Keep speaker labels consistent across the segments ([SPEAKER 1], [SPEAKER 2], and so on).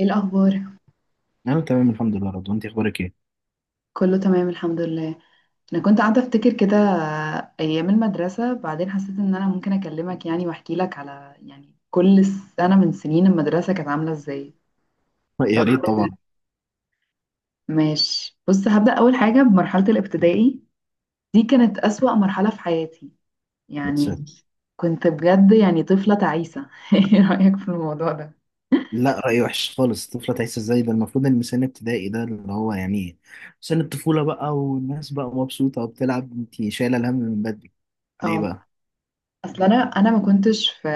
[SPEAKER 1] ايه الاخبار؟
[SPEAKER 2] انا تمام، الحمد لله. رضوى، انت اخبارك ايه؟
[SPEAKER 1] كله تمام، الحمد لله. انا كنت قاعده افتكر كده ايام المدرسه، بعدين حسيت ان انا ممكن اكلمك يعني واحكي لك على يعني كل سنه من سنين المدرسه كانت عامله ازاي.
[SPEAKER 2] يا
[SPEAKER 1] لو-
[SPEAKER 2] ريت طبعا.
[SPEAKER 1] ماشي، بص، هبدا اول حاجه بمرحله الابتدائي. دي كانت اسوأ مرحله في حياتي.
[SPEAKER 2] بس.
[SPEAKER 1] يعني كنت بجد يعني طفله تعيسه. ايه رايك في الموضوع ده؟
[SPEAKER 2] لا، رأي وحش خالص. الطفله تعيش ازاي؟ ده المفروض ان سن ابتدائي ده اللي هو يعني سن الطفوله بقى، والناس بقى مبسوطه وبتلعب. انت شايله الهم من بدري ليه
[SPEAKER 1] اه.
[SPEAKER 2] بقى؟
[SPEAKER 1] اصل انا ما كنتش في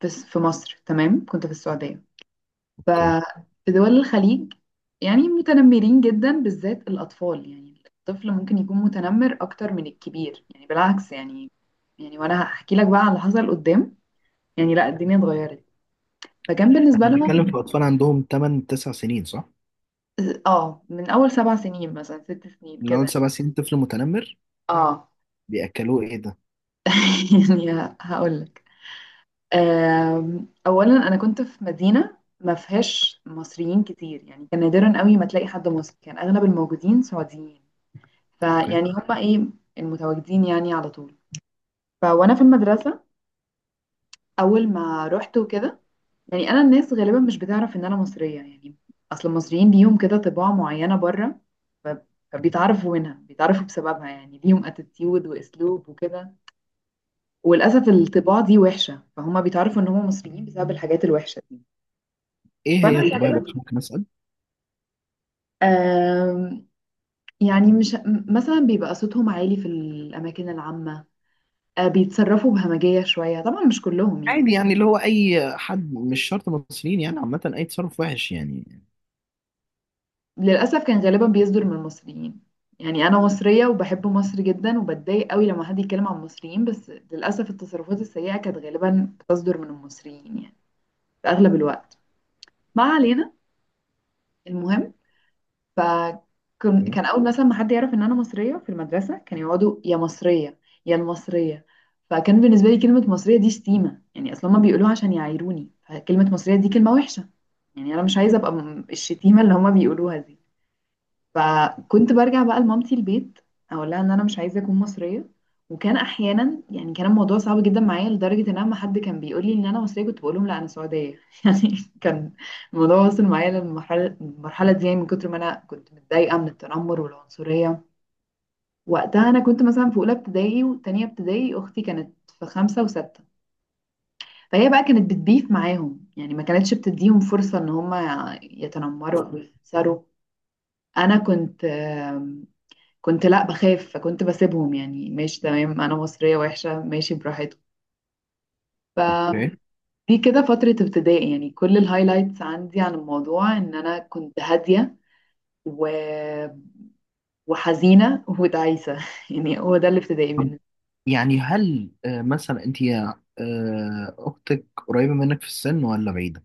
[SPEAKER 1] في مصر، تمام، كنت في السعوديه.
[SPEAKER 2] اوكي.
[SPEAKER 1] ففي دول الخليج يعني متنمرين جدا، بالذات الأطفال. يعني الطفل ممكن يكون متنمر أكتر من الكبير يعني بالعكس يعني. يعني وأنا هحكي لك بقى على اللي حصل قدام. يعني لا، الدنيا اتغيرت. فكان بالنسبة
[SPEAKER 2] احنا بنتكلم في
[SPEAKER 1] لهم،
[SPEAKER 2] اطفال عندهم 8 9 سنين، صح؟
[SPEAKER 1] اه، من أول 7 سنين مثلا، 6 سنين
[SPEAKER 2] من
[SPEAKER 1] كده.
[SPEAKER 2] اول 7 سنين طفل متنمر؟
[SPEAKER 1] اه.
[SPEAKER 2] بياكلوه ايه ده؟
[SPEAKER 1] يعني هقول لك. أولا أنا كنت في مدينة ما فيهاش مصريين كتير، يعني كان نادرا قوي ما تلاقي حد مصري، كان أغلب الموجودين سعوديين.
[SPEAKER 2] اوكي.
[SPEAKER 1] فيعني هما ايه، المتواجدين يعني على طول. فوانا في المدرسة، اول ما رحت وكده، يعني انا الناس غالبا مش بتعرف ان انا مصرية يعني. اصل المصريين ليهم كده طباع معينة بره. ف- فبيتعرفوا هنا، بيتعرفوا بسببها. يعني ليهم اتيتيود واسلوب وكده، وللاسف الطباع دي وحشة، فهم بيتعرفوا ان هم مصريين بسبب الحاجات الوحشة دي.
[SPEAKER 2] ايه
[SPEAKER 1] فانا
[SPEAKER 2] هي الطباع الوحشه،
[SPEAKER 1] غالبا
[SPEAKER 2] ممكن اسال؟
[SPEAKER 1] آم، يعني مش مثلا بيبقى صوتهم عالي في الاماكن العامة. بيتصرفوا بهمجية شوية، طبعا مش كلهم
[SPEAKER 2] عادي
[SPEAKER 1] يعني.
[SPEAKER 2] يعني، اللي هو اي حد، مش شرط مصريين يعني، عامه اي تصرف وحش يعني.
[SPEAKER 1] للأسف كان غالبا بيصدر من المصريين. يعني أنا مصرية وبحب مصر جدا وبتضايق قوي لما حد يتكلم عن المصريين، بس للأسف التصرفات السيئة كانت غالبا بتصدر من المصريين يعني، في أغلب الوقت. ما علينا، المهم. ف كان أول مثلا ما حد يعرف إن أنا مصرية في المدرسة كانوا يقعدوا: يا مصرية، يا المصرية. فكان بالنسبة لي كلمة مصرية دي شتيمة يعني، أصلا ما بيقولوها عشان يعايروني، فكلمة مصرية دي كلمة وحشة. يعني أنا مش عايزة أبقى الشتيمة اللي هما بيقولوها دي. فكنت برجع بقى لمامتي البيت، اقول لها ان انا مش عايزه اكون مصريه. وكان احيانا يعني كان الموضوع صعب جدا معايا لدرجه ان اما حد كان بيقول لي ان انا مصريه كنت بقول لهم لا، انا سعوديه. يعني كان الموضوع وصل معايا للمرحله دي، يعني من كتر ما انا كنت متضايقه من التنمر والعنصريه. وقتها انا كنت مثلا في اولى ابتدائي وتانية ابتدائي، اختي كانت في خمسه وسته، فهي بقى كانت بتبيف معاهم. يعني ما كانتش بتديهم فرصه ان هم يتنمروا او يخسروا. انا كنت كنت لا بخاف، فكنت بسيبهم. يعني ماشي، تمام، انا مصرية وحشة، ماشي براحتهم.
[SPEAKER 2] اوكي.
[SPEAKER 1] فدي كده فترة ابتدائي يعني. كل الهايلايتس عندي عن الموضوع ان انا كنت هادية و... وحزينة وتعيسة. يعني هو ده الابتدائي بالنسبة لي.
[SPEAKER 2] يعني هل مثلا انت اختك قريبه منك في السن ولا بعيده؟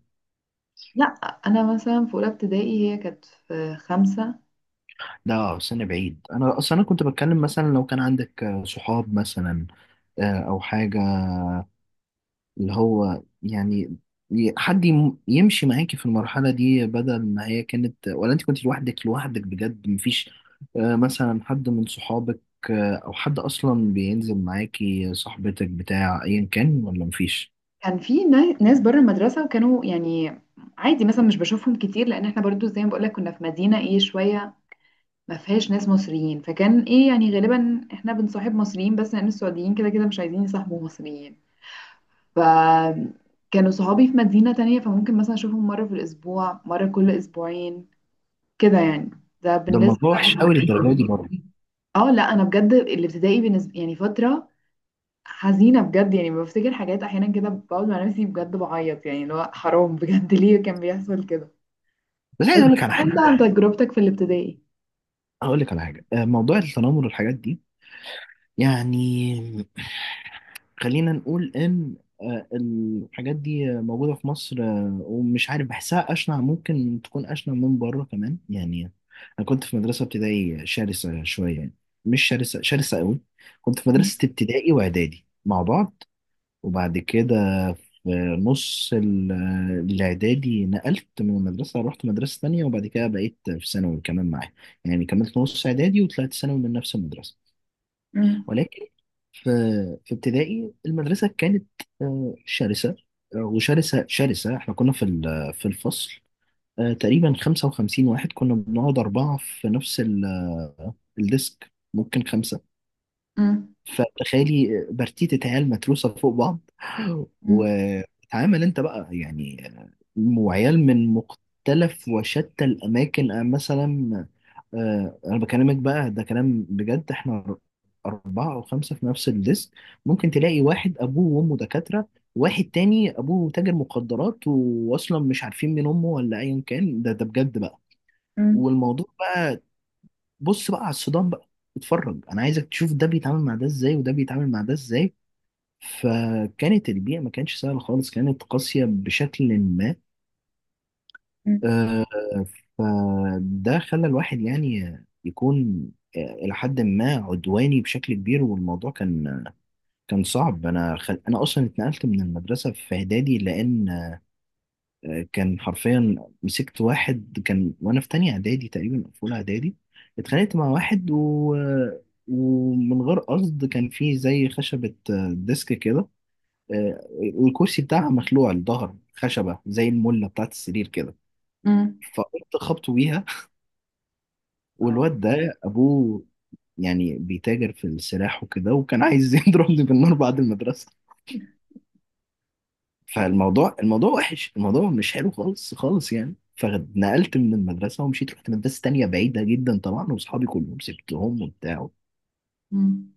[SPEAKER 1] لا، انا مثلا في اولى ابتدائي هي كانت في خمسة.
[SPEAKER 2] لا. سن بعيد. انا اصلا انا كنت بتكلم مثلا لو كان عندك صحاب مثلا، او حاجه، اللي هو يعني حد يمشي معاكي في المرحله دي، بدل ما هي كانت ولا انت كنت لوحدك لوحدك بجد؟ مفيش مثلا حد من صحابك، او حد اصلا بينزل معاكي، صاحبتك بتاع ايا كان، ولا مفيش؟
[SPEAKER 1] كان في ناس بره المدرسة، وكانوا يعني عادي، مثلا مش بشوفهم كتير، لان احنا برضو زي ما بقولك كنا في مدينة ايه شوية ما فيهاش ناس مصريين، فكان ايه يعني غالبا احنا بنصاحب مصريين بس لان السعوديين كده كده مش عايزين يصاحبوا مصريين. فكانوا صحابي في مدينة تانية، فممكن مثلا اشوفهم مرة في الاسبوع، مرة كل اسبوعين كده يعني. ده
[SPEAKER 2] ده
[SPEAKER 1] بالنسبة.
[SPEAKER 2] الموضوع وحش قوي للدرجه دي برضه؟
[SPEAKER 1] اه، لا، انا بجد الابتدائي بالنسبة يعني فترة حزينة بجد. يعني بفتكر حاجات احيانا كده بقعد مع نفسي بجد بعيط، يعني اللي هو حرام بجد. ليه كان بيحصل كده؟
[SPEAKER 2] بس عايز اقول لك على حاجه
[SPEAKER 1] انت عن
[SPEAKER 2] برضه.
[SPEAKER 1] تجربتك في الابتدائي؟
[SPEAKER 2] هقول لك على حاجه. موضوع التنمر والحاجات دي، يعني خلينا نقول ان الحاجات دي موجوده في مصر، ومش عارف، بحسها اشنع، ممكن تكون اشنع من بره كمان يعني. انا كنت في مدرسه ابتدائي شرسه شويه يعني، مش شرسه شرسه قوي. كنت في مدرسه ابتدائي واعدادي مع بعض، وبعد كده في نص الاعدادي نقلت من المدرسه، رحت مدرسه تانية. وبعد كده بقيت في ثانوي كمان معايا. يعني كملت نص اعدادي وطلعت ثانوي من نفس المدرسه.
[SPEAKER 1] امم.
[SPEAKER 2] ولكن في في ابتدائي المدرسة كانت شرسة، وشرسة شرسة. احنا كنا في في الفصل تقريبا 55 واحد. كنا بنقعد أربعة في نفس الديسك، ممكن خمسة.
[SPEAKER 1] امم.
[SPEAKER 2] فتخيلي، برتيتة عيال متروسة فوق بعض وتعامل انت بقى يعني. وعيال من مختلف وشتى الأماكن، مثلا. انا بكلمك بقى، ده كلام بجد. احنا اربعة او خمسة في نفس الديسك. ممكن تلاقي واحد ابوه وامه دكاترة، واحد تاني ابوه تاجر مخدرات واصلا مش عارفين مين امه ولا ايا كان. ده بجد بقى.
[SPEAKER 1] امم.
[SPEAKER 2] والموضوع بقى، بص بقى على الصدام بقى. اتفرج، انا عايزك تشوف ده بيتعامل مع ده ازاي، وده بيتعامل مع ده ازاي. فكانت البيئة ما كانتش سهلة خالص، كانت قاسية بشكل ما. آه، فده خلى الواحد يعني يكون، آه، إلى حد ما، عدواني بشكل كبير. والموضوع كان صعب. أنا أصلا اتنقلت من المدرسة في إعدادي، لأن كان حرفيا، مسكت واحد كان وأنا في تانية إعدادي تقريبا أو في أولى إعدادي. اتخانقت مع واحد ومن غير قصد. كان في زي خشبة، ديسك كده، آه، والكرسي بتاعها مخلوع الظهر، خشبة زي الملة بتاعت السرير كده.
[SPEAKER 1] امم.
[SPEAKER 2] فقمت خبطه بيها.
[SPEAKER 1] اه.
[SPEAKER 2] والواد ده ابوه يعني بيتاجر في السلاح وكده، وكان عايز يضربني بالنار بعد المدرسه. فالموضوع وحش، الموضوع مش حلو خالص خالص يعني. فنقلت من المدرسه ومشيت، رحت مدرسه تانية بعيده جدا طبعا، واصحابي كلهم سبتهم وبتاع.
[SPEAKER 1] مم.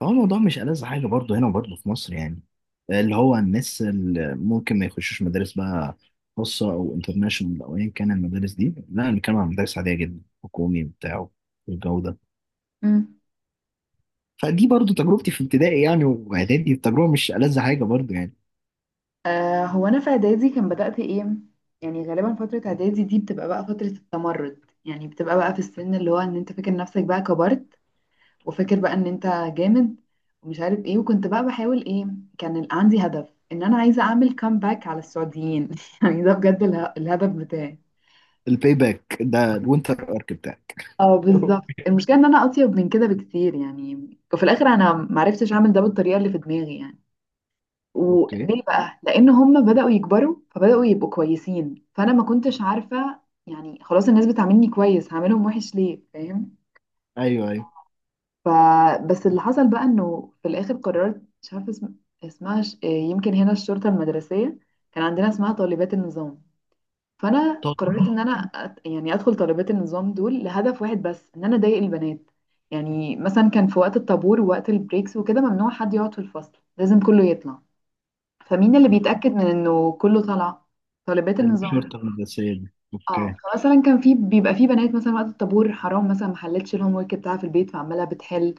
[SPEAKER 2] فهو الموضوع مش ألذ حاجه، برضه هنا وبرضه في مصر يعني. اللي هو الناس اللي ممكن ما يخشوش مدارس بقى خاصه او انترناشونال او ايا كان. المدارس دي، لا، انا بتكلم عن مدارس عاديه جدا، حكومي وبتاع والجو ده.
[SPEAKER 1] مم.
[SPEAKER 2] فدي برضو تجربتي في ابتدائي يعني واعدادي، التجربه مش ألذ حاجه برضو يعني.
[SPEAKER 1] هو انا في اعدادي كان بدأت ايه، يعني غالبا فترة اعدادي دي بتبقى بقى فترة التمرد. يعني بتبقى بقى في السن اللي هو ان انت فاكر نفسك بقى كبرت، وفاكر بقى ان انت جامد ومش عارف ايه. وكنت بقى بحاول ايه، كان عندي هدف ان انا عايزة اعمل كامباك على السعوديين. يعني ده بجد الهدف بتاعي.
[SPEAKER 2] الباي باك ده الوينتر ارك بتاعك؟
[SPEAKER 1] اه بالظبط، المشكلة ان انا اطيب من كده بكتير يعني. وفي الاخر انا معرفتش اعمل ده بالطريقة اللي في دماغي يعني.
[SPEAKER 2] اوكي.
[SPEAKER 1] وليه بقى؟ لان هم بداوا يكبروا فبداوا يبقوا كويسين، فانا ما كنتش عارفه. يعني خلاص الناس بتعاملني كويس، هعملهم وحش ليه؟ فاهم؟
[SPEAKER 2] ايوه، ايوه.
[SPEAKER 1] فبس اللي حصل بقى انه في الاخر قررت، مش عارفه اسمها يمكن هنا الشرطه المدرسيه، كان عندنا اسمها طالبات النظام. فانا
[SPEAKER 2] طب.
[SPEAKER 1] قررت ان انا يعني ادخل طالبات النظام دول لهدف واحد بس، ان انا اضايق البنات. يعني مثلا كان في وقت الطابور ووقت البريكس وكده ممنوع حد يقعد في الفصل، لازم كله يطلع. فمين اللي بيتأكد من انه كله طالع؟ طالبات النظام.
[SPEAKER 2] الشرطه المدرسيه دي.
[SPEAKER 1] اه،
[SPEAKER 2] اوكي،
[SPEAKER 1] فمثلا كان بيبقى في بنات، مثلا وقت الطابور حرام، مثلا ما حلتش الهوم ورك بتاعها في البيت فعماله بتحل،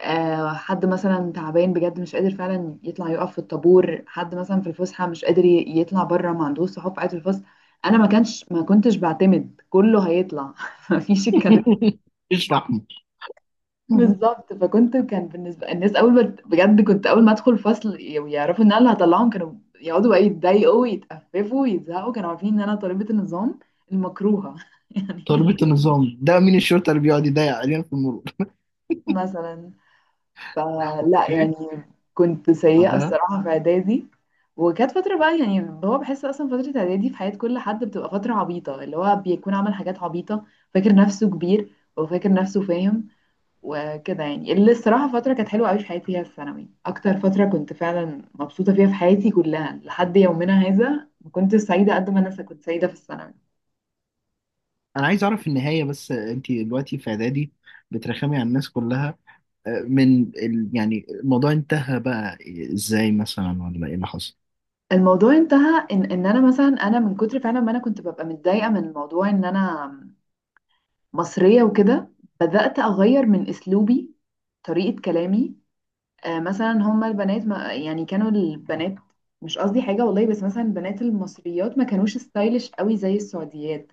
[SPEAKER 1] حد مثلا تعبان بجد مش قادر فعلا يطلع يقف في الطابور، حد مثلا في الفسحه مش قادر يطلع بره ما عندوش صحاب قاعد في الفصل. انا ما كنتش بعتمد كله هيطلع. مفيش الكلام.
[SPEAKER 2] اشرح لي. مهم.
[SPEAKER 1] بالظبط. فكنت، كان بالنسبه الناس اول ما بجد، كنت اول ما ادخل الفصل ويعرفوا ان انا اللي هطلعهم، كانوا يقعدوا بقى يتضايقوا ويتقففوا ويزهقوا. كانوا عارفين ان انا طالبه النظام المكروهه. يعني
[SPEAKER 2] تربية النظام ده مين؟ الشرطه اللي بيقعد يضيق علينا في المرور؟
[SPEAKER 1] مثلا. فلا
[SPEAKER 2] اوكي.
[SPEAKER 1] يعني كنت سيئه
[SPEAKER 2] بعدها؟
[SPEAKER 1] الصراحه في اعدادي. وكانت فتره بقى، يعني هو بحس اصلا فتره اعدادي في حياه كل حد بتبقى فتره عبيطه، اللي هو بيكون عمل حاجات عبيطه، فاكر نفسه كبير وفاكر نفسه فاهم وكده يعني. اللي الصراحة فترة كانت حلوة قوي في حياتي هي الثانوي، أكتر فترة كنت فعلا مبسوطة فيها في حياتي كلها لحد يومنا هذا. ما كنت سعيدة قد ما أنا كنت سعيدة في الثانوي.
[SPEAKER 2] انا عايز اعرف النهايه. بس انت دلوقتي في اعدادي بترخمي على الناس كلها. يعني الموضوع انتهى بقى ازاي مثلا، ولا ايه اللي حصل؟
[SPEAKER 1] الموضوع انتهى إن أنا، مثلا أنا من كتر فعلا ما أنا كنت ببقى متضايقة من موضوع إن أنا مصرية وكده، بدأت أغير من أسلوبي، طريقة كلامي. مثلا هما البنات، ما يعني، كانوا البنات، مش قصدي حاجة والله، بس مثلا البنات المصريات ما كانوش ستايلش قوي زي السعوديات.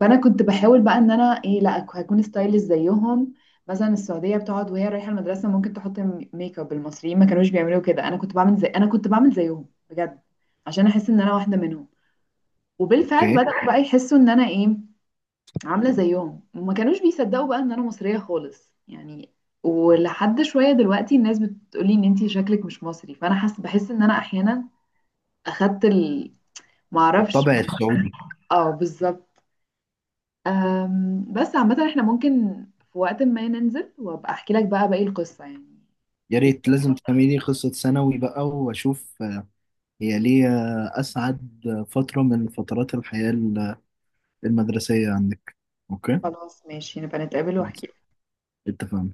[SPEAKER 1] فانا كنت بحاول بقى ان انا ايه، لا هكون ستايلش زيهم. مثلا السعوديه بتقعد وهي رايحه المدرسه ممكن تحط ميك اب، المصريين ما كانوش بيعملوا كده. انا كنت بعمل زيهم بجد عشان احس ان انا واحده منهم. وبالفعل
[SPEAKER 2] اوكي،
[SPEAKER 1] بداوا بقى يحسوا ان انا ايه، عامله زيهم، وما كانوش بيصدقوا بقى ان انا مصريه خالص يعني. ولحد شويه دلوقتي الناس بتقولي ان انتي شكلك مش مصري، فانا بحس ان انا احيانا اخدت معرفش.
[SPEAKER 2] الطابع السعودي.
[SPEAKER 1] اه بالظبط. بس عامة احنا ممكن في وقت ما ننزل وابقى احكي لك بقى باقي القصة يعني.
[SPEAKER 2] يا ريت، لازم تفهمي لي قصة ثانوي بقى واشوف، هي ليه اسعد فترة من فترات الحياة المدرسية عندك. اوكي،
[SPEAKER 1] خلاص، ماشي، نبقى نتقابل
[SPEAKER 2] خلاص،
[SPEAKER 1] واحكي.
[SPEAKER 2] اتفقنا.